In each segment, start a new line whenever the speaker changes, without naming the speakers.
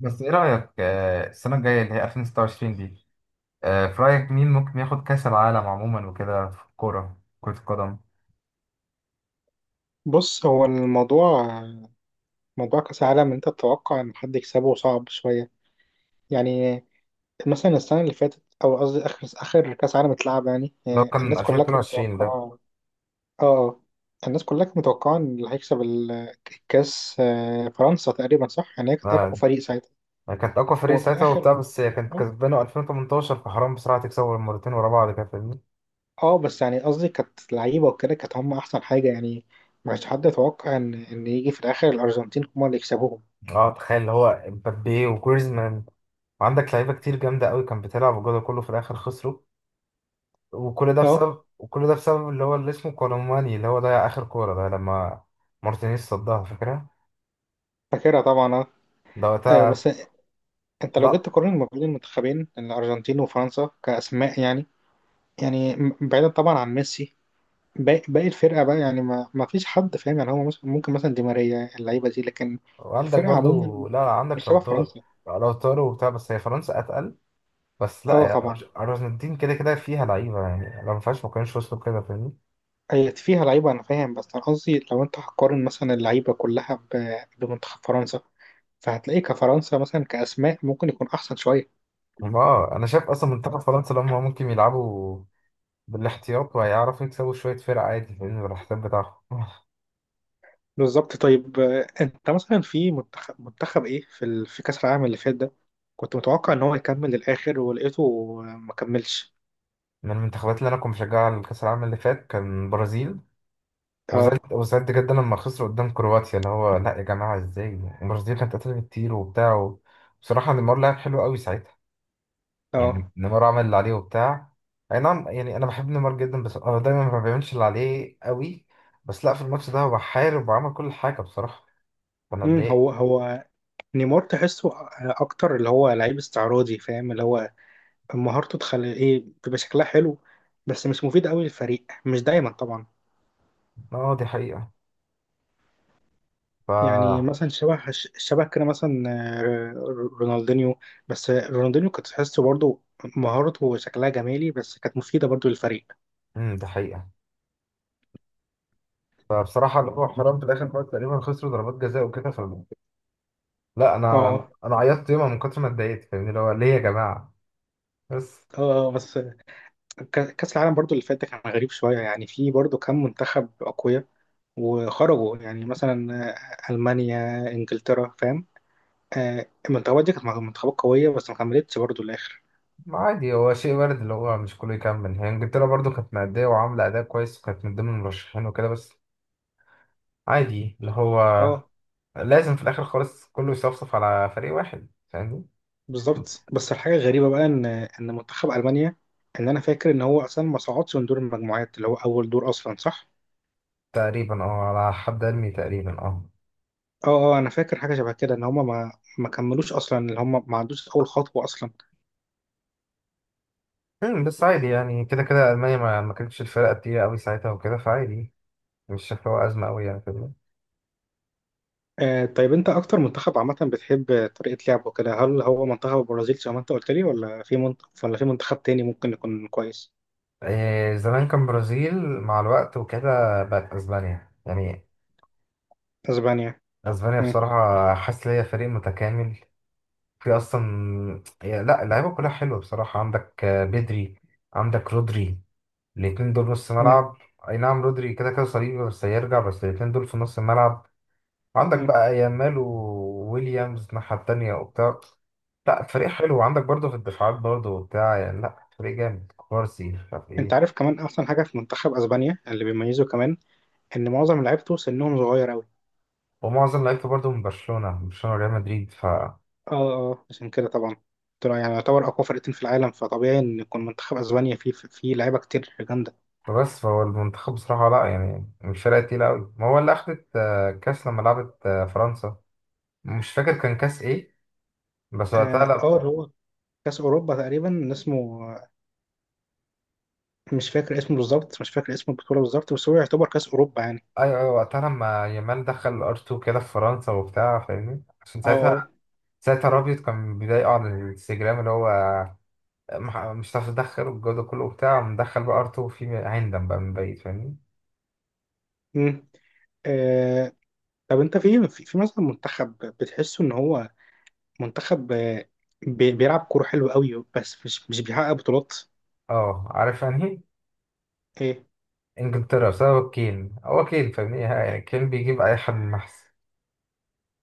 بس ايه رأيك السنة الجاية اللي هي 2026 دي. في رأيك مين ممكن ياخد كأس العالم عموما وكده في الكورة كرة القدم؟
بص، هو الموضوع موضوع كأس العالم، إن أنت تتوقع إن حد يكسبه صعب شوية. يعني مثلا السنة اللي فاتت، أو قصدي آخر كأس عالم اتلعب، يعني
لو كان
الناس كلها كانت
2022 ده.
متوقعة. آه، الناس كلها كانت متوقعة إن اللي هيكسب الكأس، فرنسا تقريبا، صح؟ يعني هي كانت أقوى
آه.
فريق ساعتها.
يعني كانت اقوى فريق
هو في
ساعتها وبتاع،
الآخر،
بس هي كانت كسبانه 2018 فحرام بسرعه تكسبوا مرتين ورا بعض كده فاهمني.
بس يعني قصدي كانت لعيبة وكده، كانت هم أحسن حاجة يعني. ما كانش حد يتوقع إن يجي في الآخر الأرجنتين هم اللي يكسبوهم.
اه تخيل اللي هو مبابي وجريزمان، وعندك لعيبه كتير جامده قوي كانت بتلعب وجوده كله، في الاخر خسروا.
آه،
وكل ده بسبب اللي هو اللي اسمه كولوماني اللي هو ضيع اخر كوره ده لما مارتينيز صدها، فاكرها؟
فاكرها طبعا. آه.
ده
آه،
وقتها.
بس انت لو
لا
جيت تقارن ما بين المنتخبين الارجنتين وفرنسا كاسماء، يعني يعني بعيدا طبعا عن ميسي، باقي الفرقه بقى يعني ما فيش حد فاهم. يعني هو ممكن مثلا دي ماريا اللعيبه دي، لكن
وعندك
الفرقه عموما
برضو، لا
مش
عندك،
شبه فرنسا.
لو طاروا وبتاع، بس هي فرنسا اتقل. بس لا
اه
يا
طبعا
ارجنتين كده كده فيها لعيبه يعني، لو ما فيهاش ما كانوش وصلوا كده فاهمني.
هي فيها لعيبه، انا فاهم، بس انا قصدي لو انت هتقارن مثلا اللعيبه كلها بمنتخب فرنسا، فهتلاقي كفرنسا مثلا كاسماء ممكن يكون احسن شويه.
اه انا شايف اصلا منتخب فرنسا لما ممكن يلعبوا بالاحتياط وهيعرفوا يكسبوا شويه فرق عادي فاهمني، بالاحتياط بتاعهم.
بالظبط. طيب آه، انت مثلا في منتخب ايه في في كأس العالم اللي فات ده، كنت متوقع ان هو يكمل للآخر ولقيته آه، ما كملش؟
من المنتخبات اللي كنت بشجعها على كاس العالم اللي فات كان البرازيل، وزعلت،
اه.
وزعلت جدا لما خسروا قدام كرواتيا اللي هو لا يا جماعه ازاي. البرازيل كانت قتلت كتير وبتاع. بصراحه نيمار لعب حلو قوي ساعتها،
اه.
يعني نيمار عمل اللي عليه وبتاع. اي نعم يعني انا بحب نيمار جدا، بس هو دايما ما بيعملش اللي عليه قوي، بس لا في الماتش ده هو حارب وعمل كل حاجه بصراحه، فانا اتضايقت.
هو نيمار، تحسه اكتر اللي هو لعيب استعراضي، فاهم؟ اللي هو مهارته تخلي ايه، بيبقى شكلها حلو، بس مش مفيد قوي للفريق، مش دايما طبعا.
اه دي حقيقه،
يعني
ف
مثلا شبه كده مثلا، آه، رونالدينيو. بس رونالدينيو كنت تحسه برضه مهارته وشكلها جمالي، بس كانت مفيدة برضه للفريق.
دي حقيقه. فبصراحه اللي هو حرام في الاخر خالص، تقريبا خسروا ضربات جزاء وكده، ف لا انا انا
اه.
أنا عيطت يومها من كتر ما اتضايقت فاهمني، اللي هو ليه يا جماعه؟ بس.
اه. آه، بس كأس العالم برضو اللي فات ده كان غريب شوية، يعني في برضو كام منتخب أقوياء وخرجوا. يعني مثلا آه، ألمانيا، إنجلترا، فاهم؟ آه، المنتخبات دي كانت منتخبات قوية، بس ما كملتش برضو الآخر.
ما عادي هو شيء وارد اللي هو مش كله يكمل. هي انجلترا برضو كانت مأدية وعاملة أداء كويس وكانت من ضمن المرشحين وكده، بس عادي اللي هو
اه،
لازم في الاخر خالص كله يصفصف على فريق واحد فاهمني.
بالظبط. بس الحاجة الغريبة بقى إن منتخب ألمانيا، إن أنا فاكر إن هو أصلا ما صعدش من دور المجموعات، اللي هو أول دور أصلا، صح؟
تقريبا اه، على حد علمي تقريبا اه.
اه اه، أنا فاكر حاجة شبه كده، إن هما ما كملوش أصلا، اللي هما ما عندوش أول خطوة أصلا.
بس عادي يعني كده كده المانيا ما كانتش الفرقه التقيله قوي ساعتها وكده، فعادي. مش شايف هو ازمه قوي يعني فاهمني.
آه، طيب انت اكتر منتخب عامه بتحب طريقه لعبه كده، هل هو منتخب البرازيل زي ما انت قلت لي، ولا في منتخب، ولا في منتخب تاني ممكن يكون كويس؟
إيه، زمان كان برازيل، مع الوقت وكده بقت اسبانيا يعني.
اسبانيا.
اسبانيا
مم.
بصراحه حاسس ان هي فريق متكامل. في اصلا لا اللعيبه كلها حلوه بصراحه، عندك بدري، عندك رودري، الاتنين دول نص
مم.
ملعب. اي نعم رودري كده كده صليبي، بس هيرجع، بس الاتنين دول في نص الملعب. عندك
مم.
بقى يامال وويليامز الناحية التانية وبتاع. لا فريق حلو، وعندك برضه في الدفاعات برضه وبتاع، يعني لا فريق جامد، كوارسي مش عارف
انت
ايه.
عارف كمان احسن حاجه في منتخب اسبانيا اللي بيميزه كمان؟ ان معظم لعيبته سنهم صغير قوي.
ومعظم لعيبته برضه من برشلونة، من برشلونة وريال مدريد، ف
اه اه. آه، عشان كده طبعا طلع يعني يعتبر اقوى فرقتين في العالم، فطبيعي ان يكون منتخب اسبانيا فيه لعيبه كتير جامده.
فهو المنتخب بصراحة لا يعني مش فرقة تقيلة أوي، ما هو اللي أخدت كأس لما لعبت فرنسا، مش فاكر كان كأس إيه، بس وقتها
اه، آه،
لا.
اللي هو كاس اوروبا تقريبا اسمه، مش فاكر اسمه بالظبط، مش فاكر اسم البطوله بالظبط، بس هو يعتبر كاس اوروبا يعني.
ايوه ايوه وقتها لما يامال دخل ار 2 كده في فرنسا وبتاع فاهمني، عشان
اه. آه.
ساعتها، ساعتها رابيوت كان بيضايقه على الانستجرام اللي هو مش هتعرف تدخل والجو ده كله وبتاع، مدخل بقى ار 2 في هندم بقى من بعيد فاهمني.
مم. آه، طب انت في في مثلا منتخب بتحسه ان هو منتخب آه، بيلعب كوره حلو قوي بس مش بيحقق بطولات؟
اه عارف يعني إيه؟
ايه.
انجلترا بسبب كين، هو كين فاهمني، يعني كين بيجيب اي حد من محسن.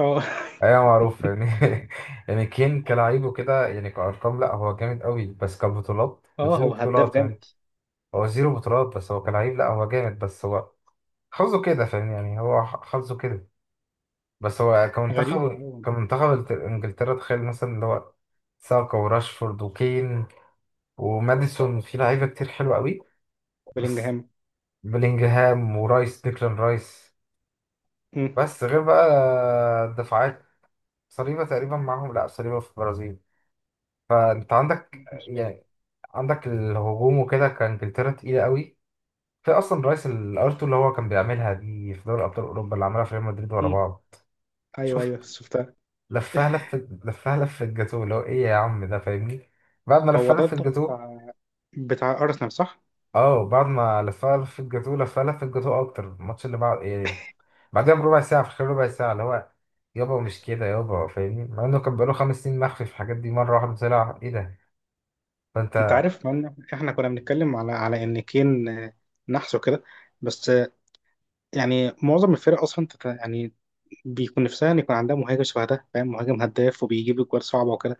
اه.
ايوه معروف فاهمني. يعني كين كلاعب وكده يعني كارقام لا هو جامد قوي، بس كبطولات
اه،
زيرو
هو هداف
بطولات فاهم.
جامد.
هو زيرو بطولات، بس هو كلاعب لا هو جامد، بس هو حظه كده فاهم، يعني هو حظه كده. بس هو
غريبه،
كمنتخب،
اه.
كمنتخب انجلترا، تخيل مثلا اللي هو ساكا وراشفورد وكين وماديسون، في لعيبة كتير حلوة قوي. بس
بلينجهام.
بلينجهام ورايس، ديكلان رايس.
مم.
بس غير بقى الدفاعات، صليبة تقريبا معاهم، لا صليبة في البرازيل. فانت عندك
مش فاكر.
يعني، عندك الهجوم وكده كانجلترا تقيلة قوي. في اصلا رايس الارتو اللي هو كان بيعملها دي في دوري ابطال اوروبا، اللي عملها في ريال مدريد ورا
مم.
بعض.
ايوه ايوه،
شفت،
شفتها.
لفها لفة الجاتوه اللي هو ايه يا عم ده فاهمني. بعد ما
هو
لفها
ده
لفة
بتاع
الجاتوه.
بتاع ارسنال، صح؟
اه بعد ما لفها لفة الجاتوه، لفها لفة الجاتوه اكتر الماتش اللي بعد ايه، بعدها بربع ساعة، في خلال ربع ساعة اللي هو يابا مش كده يابا فاهمني، مع انه كان بقاله 5 سنين مخفي في الحاجات دي، مرة واحدة طلع ايه ده.
انت
فانت.
عارف ان احنا كنا بنتكلم على ان كين، آه، نحسه كده. بس يعني معظم الفرق اصلا يعني بيكون نفسها ان يكون عندها مهاجم شبه ده، فاهم؟ مهاجم هداف وبيجيب اجوال صعبه وكده.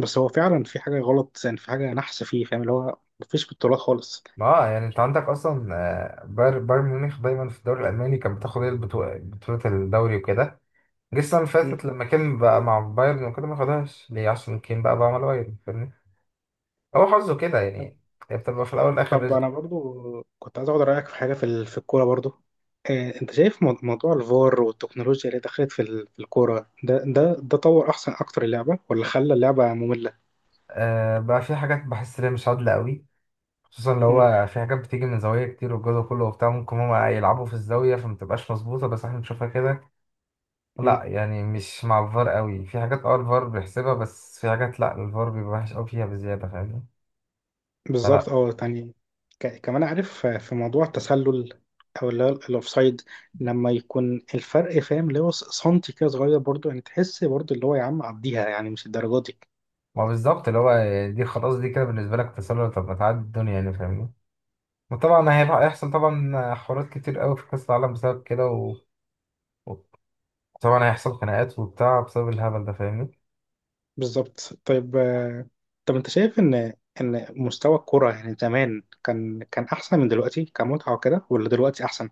بس هو فعلا في حاجه غلط يعني، في حاجه نحس فيه، فاهم؟ اللي هو مفيش بطولات خالص.
ما آه يعني انت عندك اصلا باير بايرن ميونخ دايما في الدوري الالماني كان بتاخد هي بطولة الدوري وكده. جه السنة اللي فاتت
مم.
لما كان بقى مع بايرن وكده، ما خدهاش ليه؟ عشان كان بقى بعمل بايرن فاهمني؟ هو حظه كده
طب
يعني، هي بتبقى في الاول والاخر
طب
رزق.
انا برضو كنت عايز اخد رايك في حاجه في في الكوره برضو. آه، انت شايف موضوع الفار والتكنولوجيا اللي دخلت في في الكوره ده، ده طور احسن اكتر اللعبه ولا خلى اللعبه ممله؟
آه بقى في حاجات بحس ان هي مش عادله قوي، خصوصا لو
مم.
هو في حاجات بتيجي من زوايا كتير والجو ده كله وبتاع، ممكن هما يلعبوا في الزاويه فمتبقاش مظبوطه بس احنا بنشوفها كده. لا
مم.
يعني مش مع الفار قوي في حاجات، اه الفار بيحسبها، بس في حاجات لا الفار بيبقى وحش قوي فيها بزياده فاهمني. فلا.
بالظبط، اه. يعني كمان عارف آه، في موضوع التسلل، او اللي هو الاوفسايد، لما يكون الفرق فاهم اللي هو سنتي كده صغير، برضو يعني تحس برضو اللي هو يا عم عديها يعني، مش الدرجه دي.
ما بالظبط اللي هو دي خلاص، دي كده بالنسبه لك تسلل؟ طب ما تعدي الدنيا يعني فاهمني. وطبعا هيبقى، هيحصل طبعا حوارات كتير قوي في كاس العالم بسبب كده و... طبعا هيحصل خناقات وبتاع بسبب الهبل ده فاهمني.
بالظبط. طيب آه، طب انت شايف ان مستوى الكرة يعني زمان كان كان احسن من دلوقتي كمتعة وكده، ولا دلوقتي احسن؟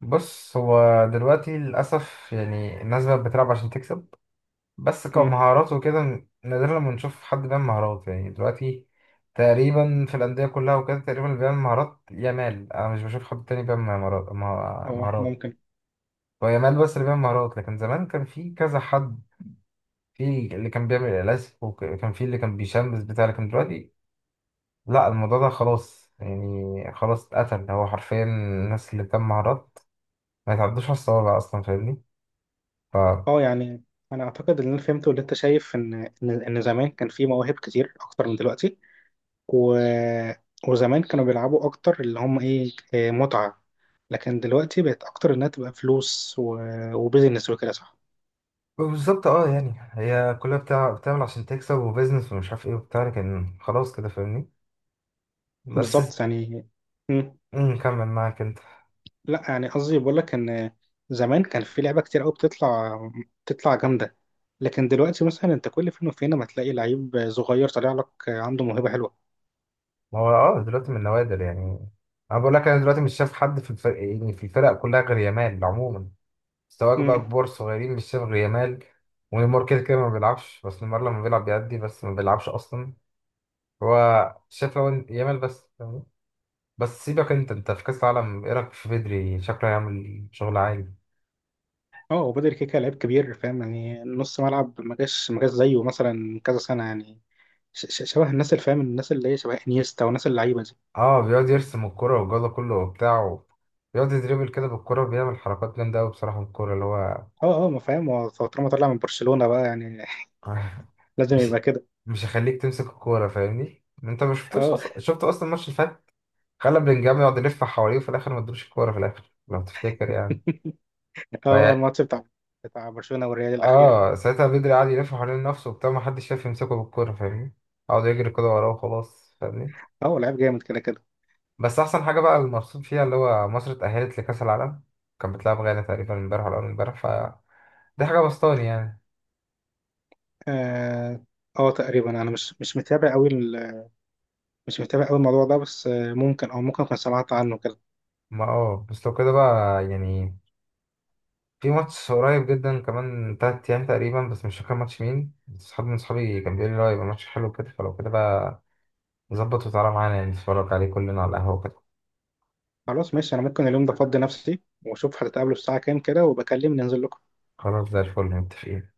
بص، هو دلوقتي للأسف يعني الناس بقت بتلعب عشان تكسب، بس
امم.
كمهارات وكده نادرا لما نشوف حد بيعمل مهارات يعني. دلوقتي تقريبا في الأندية كلها وكده، تقريبا اللي بيعمل مهارات يامال، أنا مش بشوف حد تاني بيعمل مهارات،
اه
مهارات.
ممكن.
هو يامال بس اللي بيعمل مهارات، لكن زمان كان في كذا حد، في اللي كان بيعمل لاسك، وكان في اللي كان بيشمس بتاع. لكن دلوقتي لا، الموضوع ده خلاص يعني، خلاص اتقتل. هو حرفيا الناس اللي بتعمل مهارات ما يتعدوش على الصوابع اصلا فاهمني. ف
اه يعني انا اعتقد ان انا فهمت، واللي انت شايف ان إن زمان كان في مواهب كتير اكتر من دلوقتي، و... وزمان كانوا بيلعبوا اكتر اللي هم ايه، آه، متعة. لكن دلوقتي بقت اكتر انها تبقى فلوس و... وبيزنس وكده، صح؟
بالظبط اه يعني، هي كلها بتاع بتعمل عشان تكسب وبيزنس ومش عارف ايه وبتاع، لكن خلاص كده فاهمني. بس.
بالظبط يعني. مم.
كمل معاك انت.
لا يعني قصدي بقول لك ان زمان كان في لعبة كتير قوي بتطلع، بتطلع جامدة. لكن دلوقتي مثلا انت كل فين وفين ما تلاقي لعيب صغير طالع لك عنده موهبة حلوة.
ما هو اه دلوقتي من نوادر يعني، انا بقول لك انا دلوقتي مش شايف حد في الفرق، يعني في الفرق كلها غير يامال عموما، سواء بقى كبار صغيرين مش شايف غير يامال. ونيمار كده كده ما بيلعبش، بس نيمار لما بيلعب بيأدي، بس ما بيلعبش اصلا هو. شايف لو يامال بس فاهمني؟ بس سيبك انت، انت في كاس العالم ايه رايك في بدري؟ شكله هيعمل شغل عالي.
اه، هو بدري كده كده لعيب كبير، فاهم؟ يعني نص ملعب ما جاش زيه مثلا من كذا سنة، يعني شبه الناس اللي فاهم، الناس اللي هي شبه انيستا وناس اللعيبة دي.
اه بيقعد يرسم الكرة والجولة كله وبتاع، و- بيقعد يدريبل كده بالكرة، بيعمل حركات جامدة أوي بصراحة بالكرة اللي هو.
اه اه، ما فاهم، هو طالما طلع من برشلونة بقى يعني. لازم
مش
يبقى كده.
مش هيخليك تمسك الكورة فاهمني؟ انت ما شفتوش
اه
اصلا، شفت اصلا الماتش اللي فات، خلى بلينجهام يقعد يلف حواليه وفي الاخر ما ادوش الكورة في الاخر لو تفتكر يعني.
اه، اه،
فيعني،
الماتش بتاع برشلونة والريال الأخير.
اه ساعتها بدري قعد يلف حوالين نفسه وبتاع، ما حدش شايف يمسكه بالكورة فاهمني؟ قعد يجري كده وراه وخلاص فاهمني؟
اه، هو لعيب جامد كده كده.
بس احسن حاجة بقى المبسوط فيها اللي هو مصر اتأهلت لكأس العالم. كانت بتلعب غانا تقريبا امبارح ولا اول امبارح، ف دي حاجة بسطاني يعني.
اه آه، تقريبا انا مش متابع قوي مش متابع قوي الموضوع ده، بس آه، ممكن او ممكن اكون سمعت عنه كده.
ما اه بس لو كده بقى، يعني في ماتش قريب جدا كمان 3 أيام تقريبا، بس مش فاكر ماتش مين، بس صحاب من صحابي كان بيقول لي لا يبقى ماتش حلو كده، فلو كده بقى نظبط وتعالى معانا، يعني نتفرج عليه كلنا على القهوة كده.
خلاص، ماشي. انا ممكن اليوم ده افضي نفسي، واشوف هتتقابلوا الساعة كام كده، وبكلم ننزل.
خلاص زي الفل متفقين.